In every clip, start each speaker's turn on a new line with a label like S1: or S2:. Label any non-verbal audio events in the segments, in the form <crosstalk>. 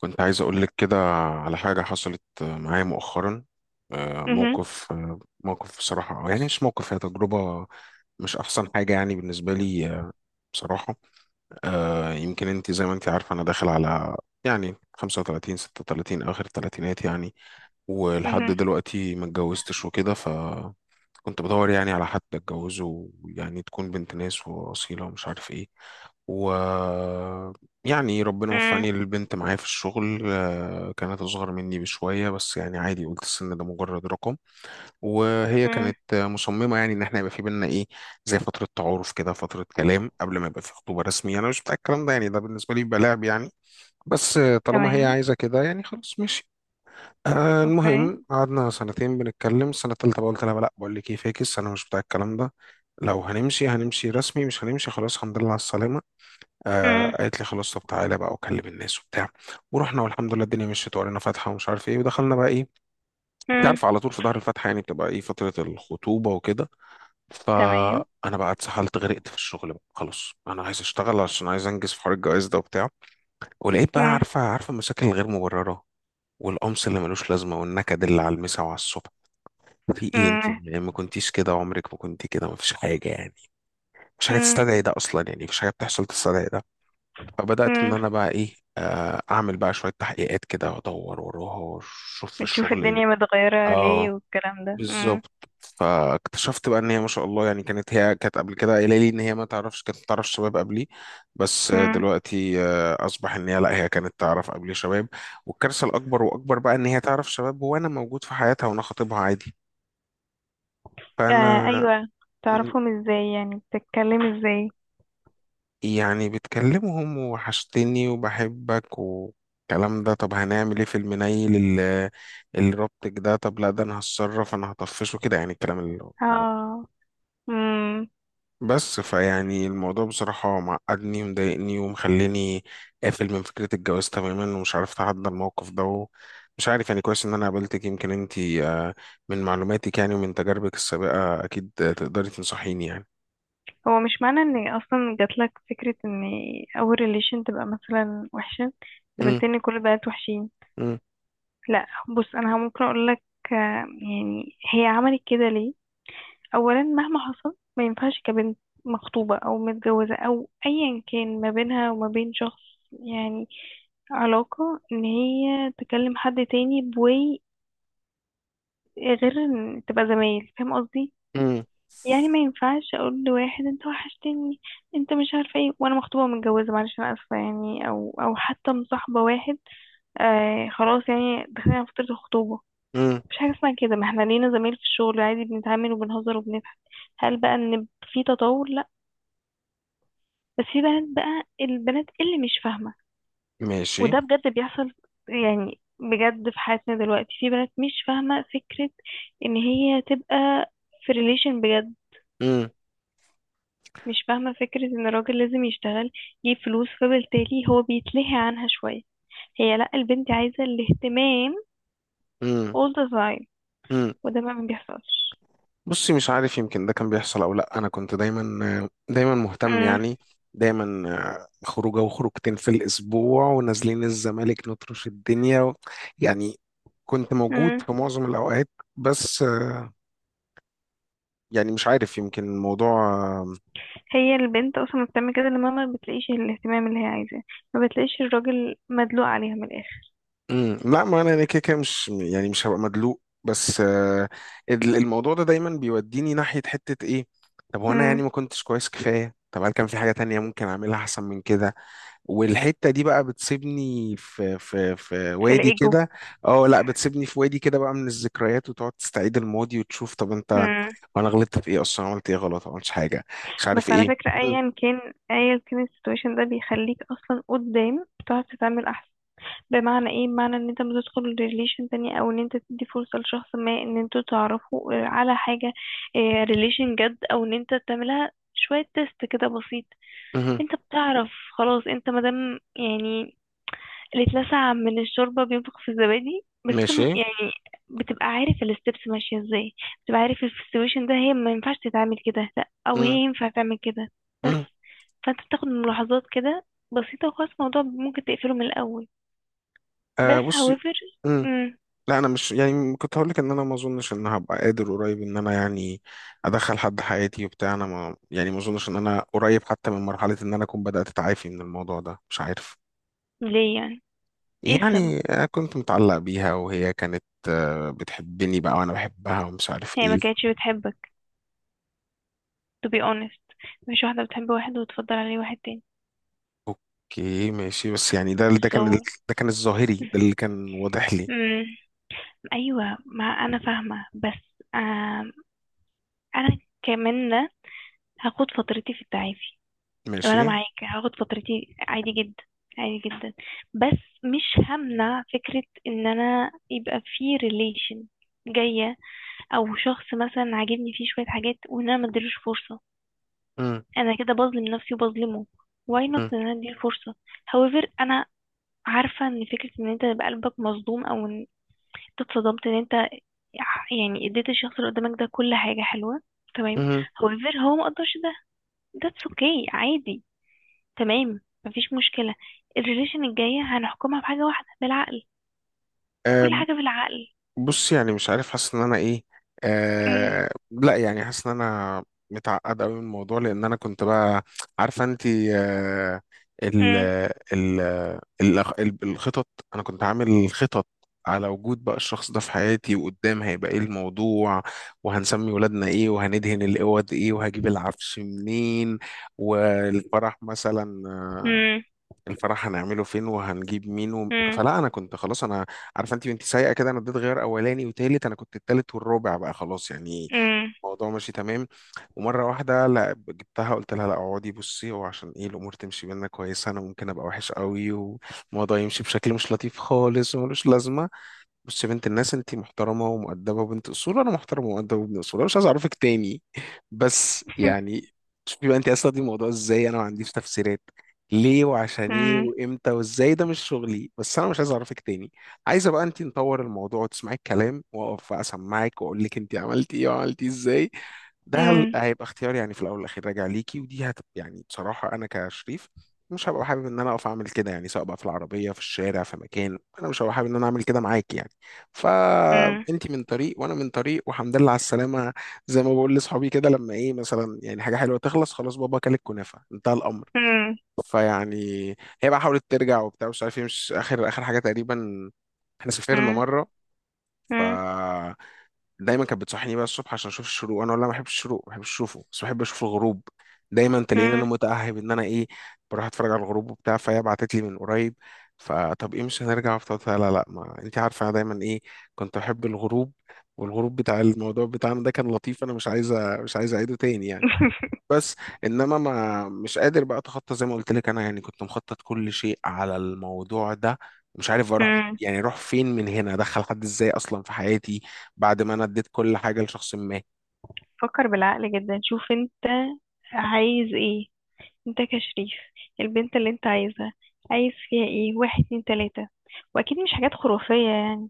S1: كنت عايز أقول لك كده على حاجة حصلت معايا مؤخرا.
S2: مهم.
S1: موقف. موقف بصراحة، أو يعني مش موقف، هي تجربة مش أحسن حاجة يعني بالنسبة لي. بصراحة يمكن أنت زي ما أنت عارفة أنا داخل على يعني 35 36 آخر الثلاثينات يعني، ولحد
S2: مهم.
S1: دلوقتي ما اتجوزتش وكده. كنت بدور يعني على حد اتجوزه، يعني تكون بنت ناس واصيله ومش عارف ايه. و يعني ربنا
S2: مم.
S1: وفقني، البنت معايا في الشغل كانت أصغر مني بشوية، بس يعني عادي، قلت السن ده مجرد رقم. وهي
S2: مم.
S1: كانت مصممة يعني إن إحنا يبقى في بينا إيه، زي فترة تعارف كده، فترة كلام قبل ما يبقى في خطوبة رسمية. أنا مش بتاع الكلام ده، يعني ده بالنسبة لي بيبقى لعب يعني. بس طالما هي
S2: تمام.
S1: عايزة كده، يعني خلاص ماشي.
S2: اوكي.
S1: المهم قعدنا سنتين بنتكلم، السنة التالتة بقى قلت لها لا، بقول لك ايه، فاكس، أنا مش بتاع الكلام ده. لو هنمشي هنمشي رسمي، مش هنمشي خلاص الحمد لله على السلامة.
S2: مم.
S1: آه، قالت لي خلاص، طب تعالى بقى وكلم الناس وبتاع. ورحنا والحمد لله الدنيا مشيت وقرينا فاتحة ومش عارف ايه، ودخلنا بقى ايه، انت
S2: مم.
S1: عارف، على طول في ظهر الفاتحة يعني بتبقى ايه فترة الخطوبة وكده.
S2: تمام.
S1: فأنا بقى اتسحلت، غرقت في الشغل بقى، خلاص أنا عايز أشتغل عشان عايز أنجز في حوار الجواز ده وبتاع. ولقيت بقى،
S2: مم.
S1: عارفة المشاكل الغير مبررة، والقمص اللي ملوش لازمة، والنكد اللي على المسا وعلى الصبح. في ايه انت
S2: مم.
S1: يعني؟ ما كنتيش كده، عمرك ما كنت كده، ما فيش حاجه يعني، مش حاجه
S2: مم.
S1: تستدعي ده اصلا، يعني مفيش حاجه بتحصل تستدعي ده. فبدات ان
S2: مم.
S1: انا بقى ايه اعمل بقى شويه تحقيقات كده وادور وراها واشوف في
S2: بتشوف
S1: الشغل اللي.
S2: الدنيا متغيرة ليه
S1: اه،
S2: والكلام ده. مم.
S1: بالظبط. فاكتشفت بقى ان هي ما شاء الله يعني، كانت، هي كانت قبل كده قايله لي ان هي ما تعرفش، كانت تعرف شباب قبلي. بس
S2: مم.
S1: دلوقتي اصبح ان هي لا، هي كانت تعرف قبلي شباب. والكارثه الاكبر واكبر بقى، ان هي تعرف شباب وانا موجود في حياتها وانا خاطبها عادي.
S2: آه
S1: فانا
S2: ايوه. تعرفهم ازاي؟ يعني بتتكلم ازاي؟
S1: يعني بتكلمهم وحشتني وبحبك والكلام ده. طب هنعمل ايه في المنيل اللي رابطك ده؟ طب لا، ده انا هتصرف، انا هطفشه كده يعني، الكلام اللي هو-.
S2: اه. مم.
S1: بس فيعني الموضوع بصراحة معقدني ومضايقني ومخليني قافل من فكرة الجواز تماما، ومش عارف اتعدى الموقف ده. مش عارف يعني، كويس ان انا قابلتك، يمكن انتي من معلوماتك يعني ومن تجاربك السابقة اكيد تقدري تنصحيني يعني.
S2: هو مش معنى ان اصلا جاتلك فكرة ان اول ريليشن تبقى مثلا وحشة
S1: مم،
S2: قابلت ان كل البنات وحشين.
S1: مم،
S2: لا، بص انا ممكن اقولك، آه، يعني هي عملت كده ليه؟ اولا مهما حصل ما ينفعش كبنت مخطوبة او متجوزة او ايا كان ما بينها وما بين شخص، يعني علاقة، ان هي تكلم حد تاني بوي، غير ان تبقى زمايل، فاهم قصدي؟
S1: مم،
S2: يعني ما ينفعش اقول لواحد انت وحشتني انت مش عارفه ايه وانا مخطوبه ومتجوزه، معلش انا اسفه يعني، او او حتى مصاحبه واحد. آه خلاص يعني داخلين على فتره الخطوبه،
S1: مم.
S2: مش حاجه اسمها كده، ما احنا لينا زمايل في الشغل عادي بنتعامل وبنهزر وبنضحك. هل بقى ان في تطور؟ بس في بنات بقى البنات اللي مش فاهمة.
S1: ماشي.
S2: وده بجد بيحصل، يعني بجد في حياتنا دلوقتي في بنات مش فاهمة فكرة ان هي تبقى في ريليشن بجد،
S1: مم،
S2: مش فاهمة فكرة ان الراجل لازم يشتغل يجيب فلوس، فبالتالي هو بيتلهي عنها شوية. هي لا، البنت عايزة الاهتمام
S1: مم،
S2: all the time.
S1: مم.
S2: وده بقى ما بيحصلش.
S1: بصي مش عارف، يمكن ده كان بيحصل او لا، انا كنت دايما مهتم
S2: مم.
S1: يعني، دايما خروجه وخروجتين في الاسبوع ونازلين الزمالك نطرش الدنيا يعني، كنت موجود
S2: مم.
S1: في معظم الاوقات. بس يعني مش عارف، يمكن الموضوع آه،
S2: هي البنت اصلا بتعمل كده لما ما بتلاقيش الاهتمام اللي هي عايزاه، ما بتلاقيش الراجل مدلوق عليها من الاخر.
S1: مم. لا ما انا، أنا كده كده مش يعني مش هبقى مدلوق. بس الموضوع ده دايما بيوديني ناحية حتة ايه، طب وانا يعني
S2: مم.
S1: ما كنتش كويس كفاية؟ طب هل كان في حاجة تانية ممكن اعملها احسن من كده؟ والحته دي بقى بتسيبني في
S2: في
S1: وادي
S2: الايجو.
S1: كده. اه لا، بتسيبني في وادي كده بقى من الذكريات، وتقعد تستعيد الماضي وتشوف، طب انت وانا غلطت في ايه اصلا؟ عملت ايه غلط؟ ما عملتش حاجه، مش
S2: بس
S1: عارف
S2: على
S1: ايه.
S2: فكرة،
S1: مم.
S2: أيا كان أيا كان السيتويشن ده بيخليك أصلا قدام بتعرف تتعامل أحسن. بمعنى ايه؟ بمعنى ان انت بتدخل ريليشن تانية، او ان انت تدي فرصة لشخص ما ان انتوا تعرفوا على حاجة، ريليشن جد، او ان انت تعملها شوية تيست كده بسيط.
S1: مهم.
S2: انت بتعرف، خلاص انت مادام يعني اللي اتلسع من الشوربة بينفخ في الزبادي، بس
S1: ماشي.
S2: يعني بتبقى عارف الستبس ماشية ازاي، بتبقى عارف في السيتويشن ده هي ما ينفعش تتعامل كده لا، او هي
S1: مم.
S2: ينفع تعمل كده. بس
S1: مم.
S2: فانت بتاخد ملاحظات كده بسيطة وخلاص الموضوع ممكن تقفله من الأول.
S1: آه،
S2: بس
S1: بصي.
S2: however.
S1: مم.
S2: مم.
S1: لا انا مش يعني، كنت هقول لك ان انا ما اظنش ان هبقى قادر قريب ان انا يعني ادخل حد حياتي وبتاع، انا ما يعني ما اظنش ان انا قريب حتى من مرحله ان انا اكون بدات اتعافي من الموضوع ده، مش عارف.
S2: ليه يعني؟ ايه السبب؟
S1: يعني كنت متعلق بيها، وهي كانت بتحبني بقى وانا بحبها ومش عارف
S2: هي
S1: ايه.
S2: ما كانتش بتحبك to be honest. مفيش واحدة بتحب واحد وتفضل عليه واحد تاني.
S1: اوكي ماشي، بس يعني ده كان ال-،
S2: so.
S1: ده كان الظاهري، ده اللي كان واضح لي.
S2: مم. ايوه، ما انا فاهمة، بس انا كمان هاخد فترتي في التعافي،
S1: ماشي.
S2: وانا معاك هاخد فترتي عادي جدا، عادي جدا. بس مش همنع فكرة ان انا يبقى في ريليشن جاية، او شخص مثلا عاجبني فيه شوية حاجات وان انا مديلوش فرصة، انا كده بظلم نفسي وبظلمه. واي نوت ان انا اديله فرصة. however انا عارفة ان فكرة ان انت يبقى قلبك مصدوم، او ان انت اتصدمت ان انت يعني اديت الشخص اللي قدامك ده كل حاجة حلوة، تمام.
S1: امم
S2: however هو مقدرش ده. that's okay، عادي. تمام، مفيش مشكلة. الريليشن الجاية هنحكمها بحاجة واحدة، بالعقل. كل حاجة بالعقل.
S1: بص يعني مش عارف، حاسس ان انا ايه.
S2: <laughs> مم،
S1: آه لا يعني، حاسس ان انا متعقد قوي من الموضوع، لان انا كنت بقى عارفه انت آه، ال
S2: مم،
S1: ال الخطط، انا كنت عامل خطط على وجود بقى الشخص ده في حياتي، وقدام هيبقى ايه الموضوع، وهنسمي ولادنا ايه، وهندهن الاوض ايه، وهجيب العفش منين، والفرح مثلا،
S2: مم،
S1: الفرح هنعمله فين، وهنجيب مين و...
S2: مم،
S1: فلا انا كنت خلاص، انا عارفه انت بنت سايقه كده، انا اديت غير اولاني وتالت، انا كنت التالت والرابع بقى، خلاص يعني
S2: مم،
S1: الموضوع ماشي تمام. ومره واحده لا، جبتها قلت لها لا اقعدي بصي، هو عشان ايه الامور تمشي بينا كويسه، انا ممكن ابقى وحش قوي والموضوع يمشي بشكل مش لطيف خالص وملوش لازمه. بص يا بنت الناس، انت محترمه ومؤدبه وبنت اصول، انا محترم ومؤدب وابن اصول، انا مش عايز اعرفك تاني، بس
S2: <laughs>
S1: يعني شوفي بقى، انت اصلا دي الموضوع ازاي، انا ما عنديش تفسيرات ليه وعشان ايه
S2: مم،
S1: وامتى وازاي، ده مش شغلي، بس انا مش عايز اعرفك تاني. عايزه بقى انت نطور الموضوع وتسمعي الكلام، واقف بقى اسمعك واقول لك انت عملتي ايه وعملتي ازاي، ده هل-،
S2: مم،
S1: هيبقى اختيار يعني، في الاول والاخير راجع ليكي، ودي هت يعني بصراحه انا كشريف مش هبقى حابب ان انا اقف اعمل كده يعني، سواء بقى في العربيه في الشارع في مكان، انا مش هبقى حابب ان انا اعمل كده معاك يعني.
S2: مم،
S1: فانت من طريق وانا من طريق والحمد لله على السلامه. زي ما بقول لاصحابي كده، لما ايه مثلا يعني حاجه حلوه تخلص، خلاص بابا، كل الكنافه انتهى الامر.
S2: مم،
S1: فيعني هي بقى حاولت ترجع وبتاع، مش عارف ايه، مش اخر حاجه تقريبا، احنا سافرنا
S2: مم،
S1: مره. ف
S2: مم،
S1: دايما كانت بتصحيني بقى الصبح عشان اشوف الشروق، انا والله ما بحبش الشروق، ما بحبش اشوفه، بس بحب اشوف الغروب، دايما تلاقيني انا
S2: مم.
S1: متاهب ان انا ايه، بروح اتفرج على الغروب وبتاع. فهي بعتت لي من قريب، فطب ايه مش هنرجع وبتاع، لا لا، ما انت عارفه انا دايما ايه، كنت احب الغروب، والغروب بتاع الموضوع بتاعنا ده كان لطيف، انا مش عايزه مش عايزه اعيده تاني يعني.
S2: <laughs>
S1: بس انما ما مش قادر بقى اتخطى، زي ما قلت لك انا يعني كنت مخطط كل شيء على الموضوع ده، مش عارف اروح،
S2: مم.
S1: يعني اروح فين من هنا؟ ادخل حد ازاي اصلا في حياتي بعد ما انا اديت كل حاجه لشخص ما.
S2: فكر بالعقل جدا، شوف انت عايز ايه. انت كشريف البنت اللي انت عايزها عايز فيها ايه؟ واحد اتنين تلاتة، واكيد مش حاجات خرافية يعني.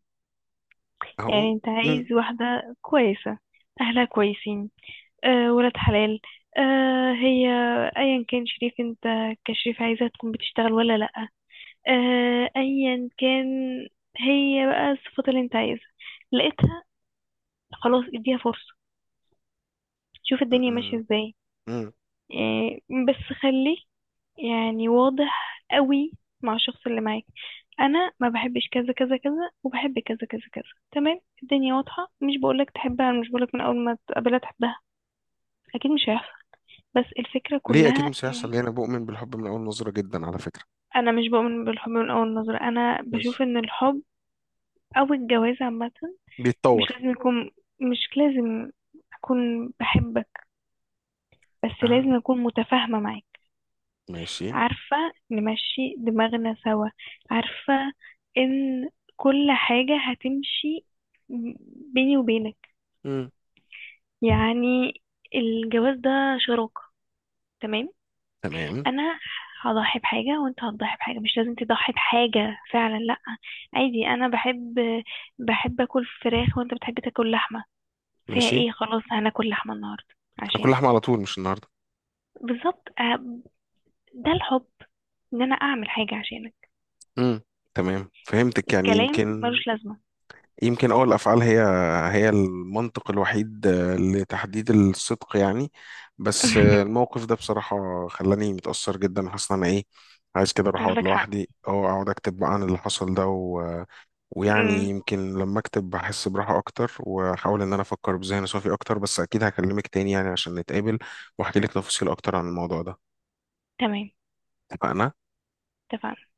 S1: اهو.
S2: يعني انت
S1: مم.
S2: عايز واحدة كويسة، اهلها كويسين، آه ولاد حلال، آه هي ايا كان شريف انت، كشريف عايزة تكون بتشتغل ولا لا، آه ايا كان. هي بقى الصفات اللي انت عايزها لقيتها، خلاص اديها فرصة، شوف الدنيا ماشية
S1: مم.
S2: ازاي.
S1: مم.
S2: آه بس خليك يعني واضح قوي مع الشخص اللي معاك. انا ما بحبش كذا كذا كذا وبحب كذا كذا كذا. تمام الدنيا واضحة. مش بقولك تحبها، مش بقولك من اول ما تقابلها تحبها، اكيد مش هيحصل. بس الفكرة
S1: ليه اكيد
S2: كلها،
S1: مش هيحصل ليه؟ انا بؤمن بالحب من اول نظره جدا على فكره،
S2: انا مش بؤمن بالحب من اول نظرة، انا
S1: بس
S2: بشوف ان الحب او الجواز عامة مش
S1: بيتطور.
S2: لازم يكون، مش لازم اكون بحبك، بس
S1: آه.
S2: لازم اكون متفاهمة معاك.
S1: ماشي.
S2: عارفة نمشي دماغنا سوا، عارفة ان كل حاجة هتمشي بيني وبينك.
S1: مم.
S2: يعني الجواز ده شراكة، تمام.
S1: تمام.
S2: انا هضحي بحاجة وانت هتضحي بحاجة، مش لازم تضحي بحاجة فعلا، لا، عادي. انا بحب اكل فراخ وانت بتحب تاكل لحمة، فيها
S1: ماشي.
S2: ايه، خلاص هناكل لحمة النهاردة
S1: انا كل
S2: عشانك.
S1: لحمه على طول مش النهارده.
S2: بالظبط ده الحب، ان انا اعمل حاجة عشانك.
S1: مم. تمام فهمتك، يعني
S2: الكلام
S1: يمكن،
S2: ملوش لازمة.
S1: يمكن اه الافعال هي هي المنطق الوحيد لتحديد الصدق يعني. بس
S2: <laughs>
S1: الموقف ده بصراحه خلاني متاثر جدا، حاسس ان انا ايه، عايز كده اروح اقعد
S2: عندك حق.
S1: لوحدي او اقعد اكتب بقى عن اللي حصل ده و... ويعني
S2: امم
S1: يمكن لما اكتب بحس براحه اكتر، واحاول ان انا افكر بذهن صافي اكتر، بس اكيد هكلمك تاني يعني عشان نتقابل واحكي لك تفاصيل اكتر عن الموضوع ده.
S2: تمام،
S1: اتفقنا.
S2: اتفقنا.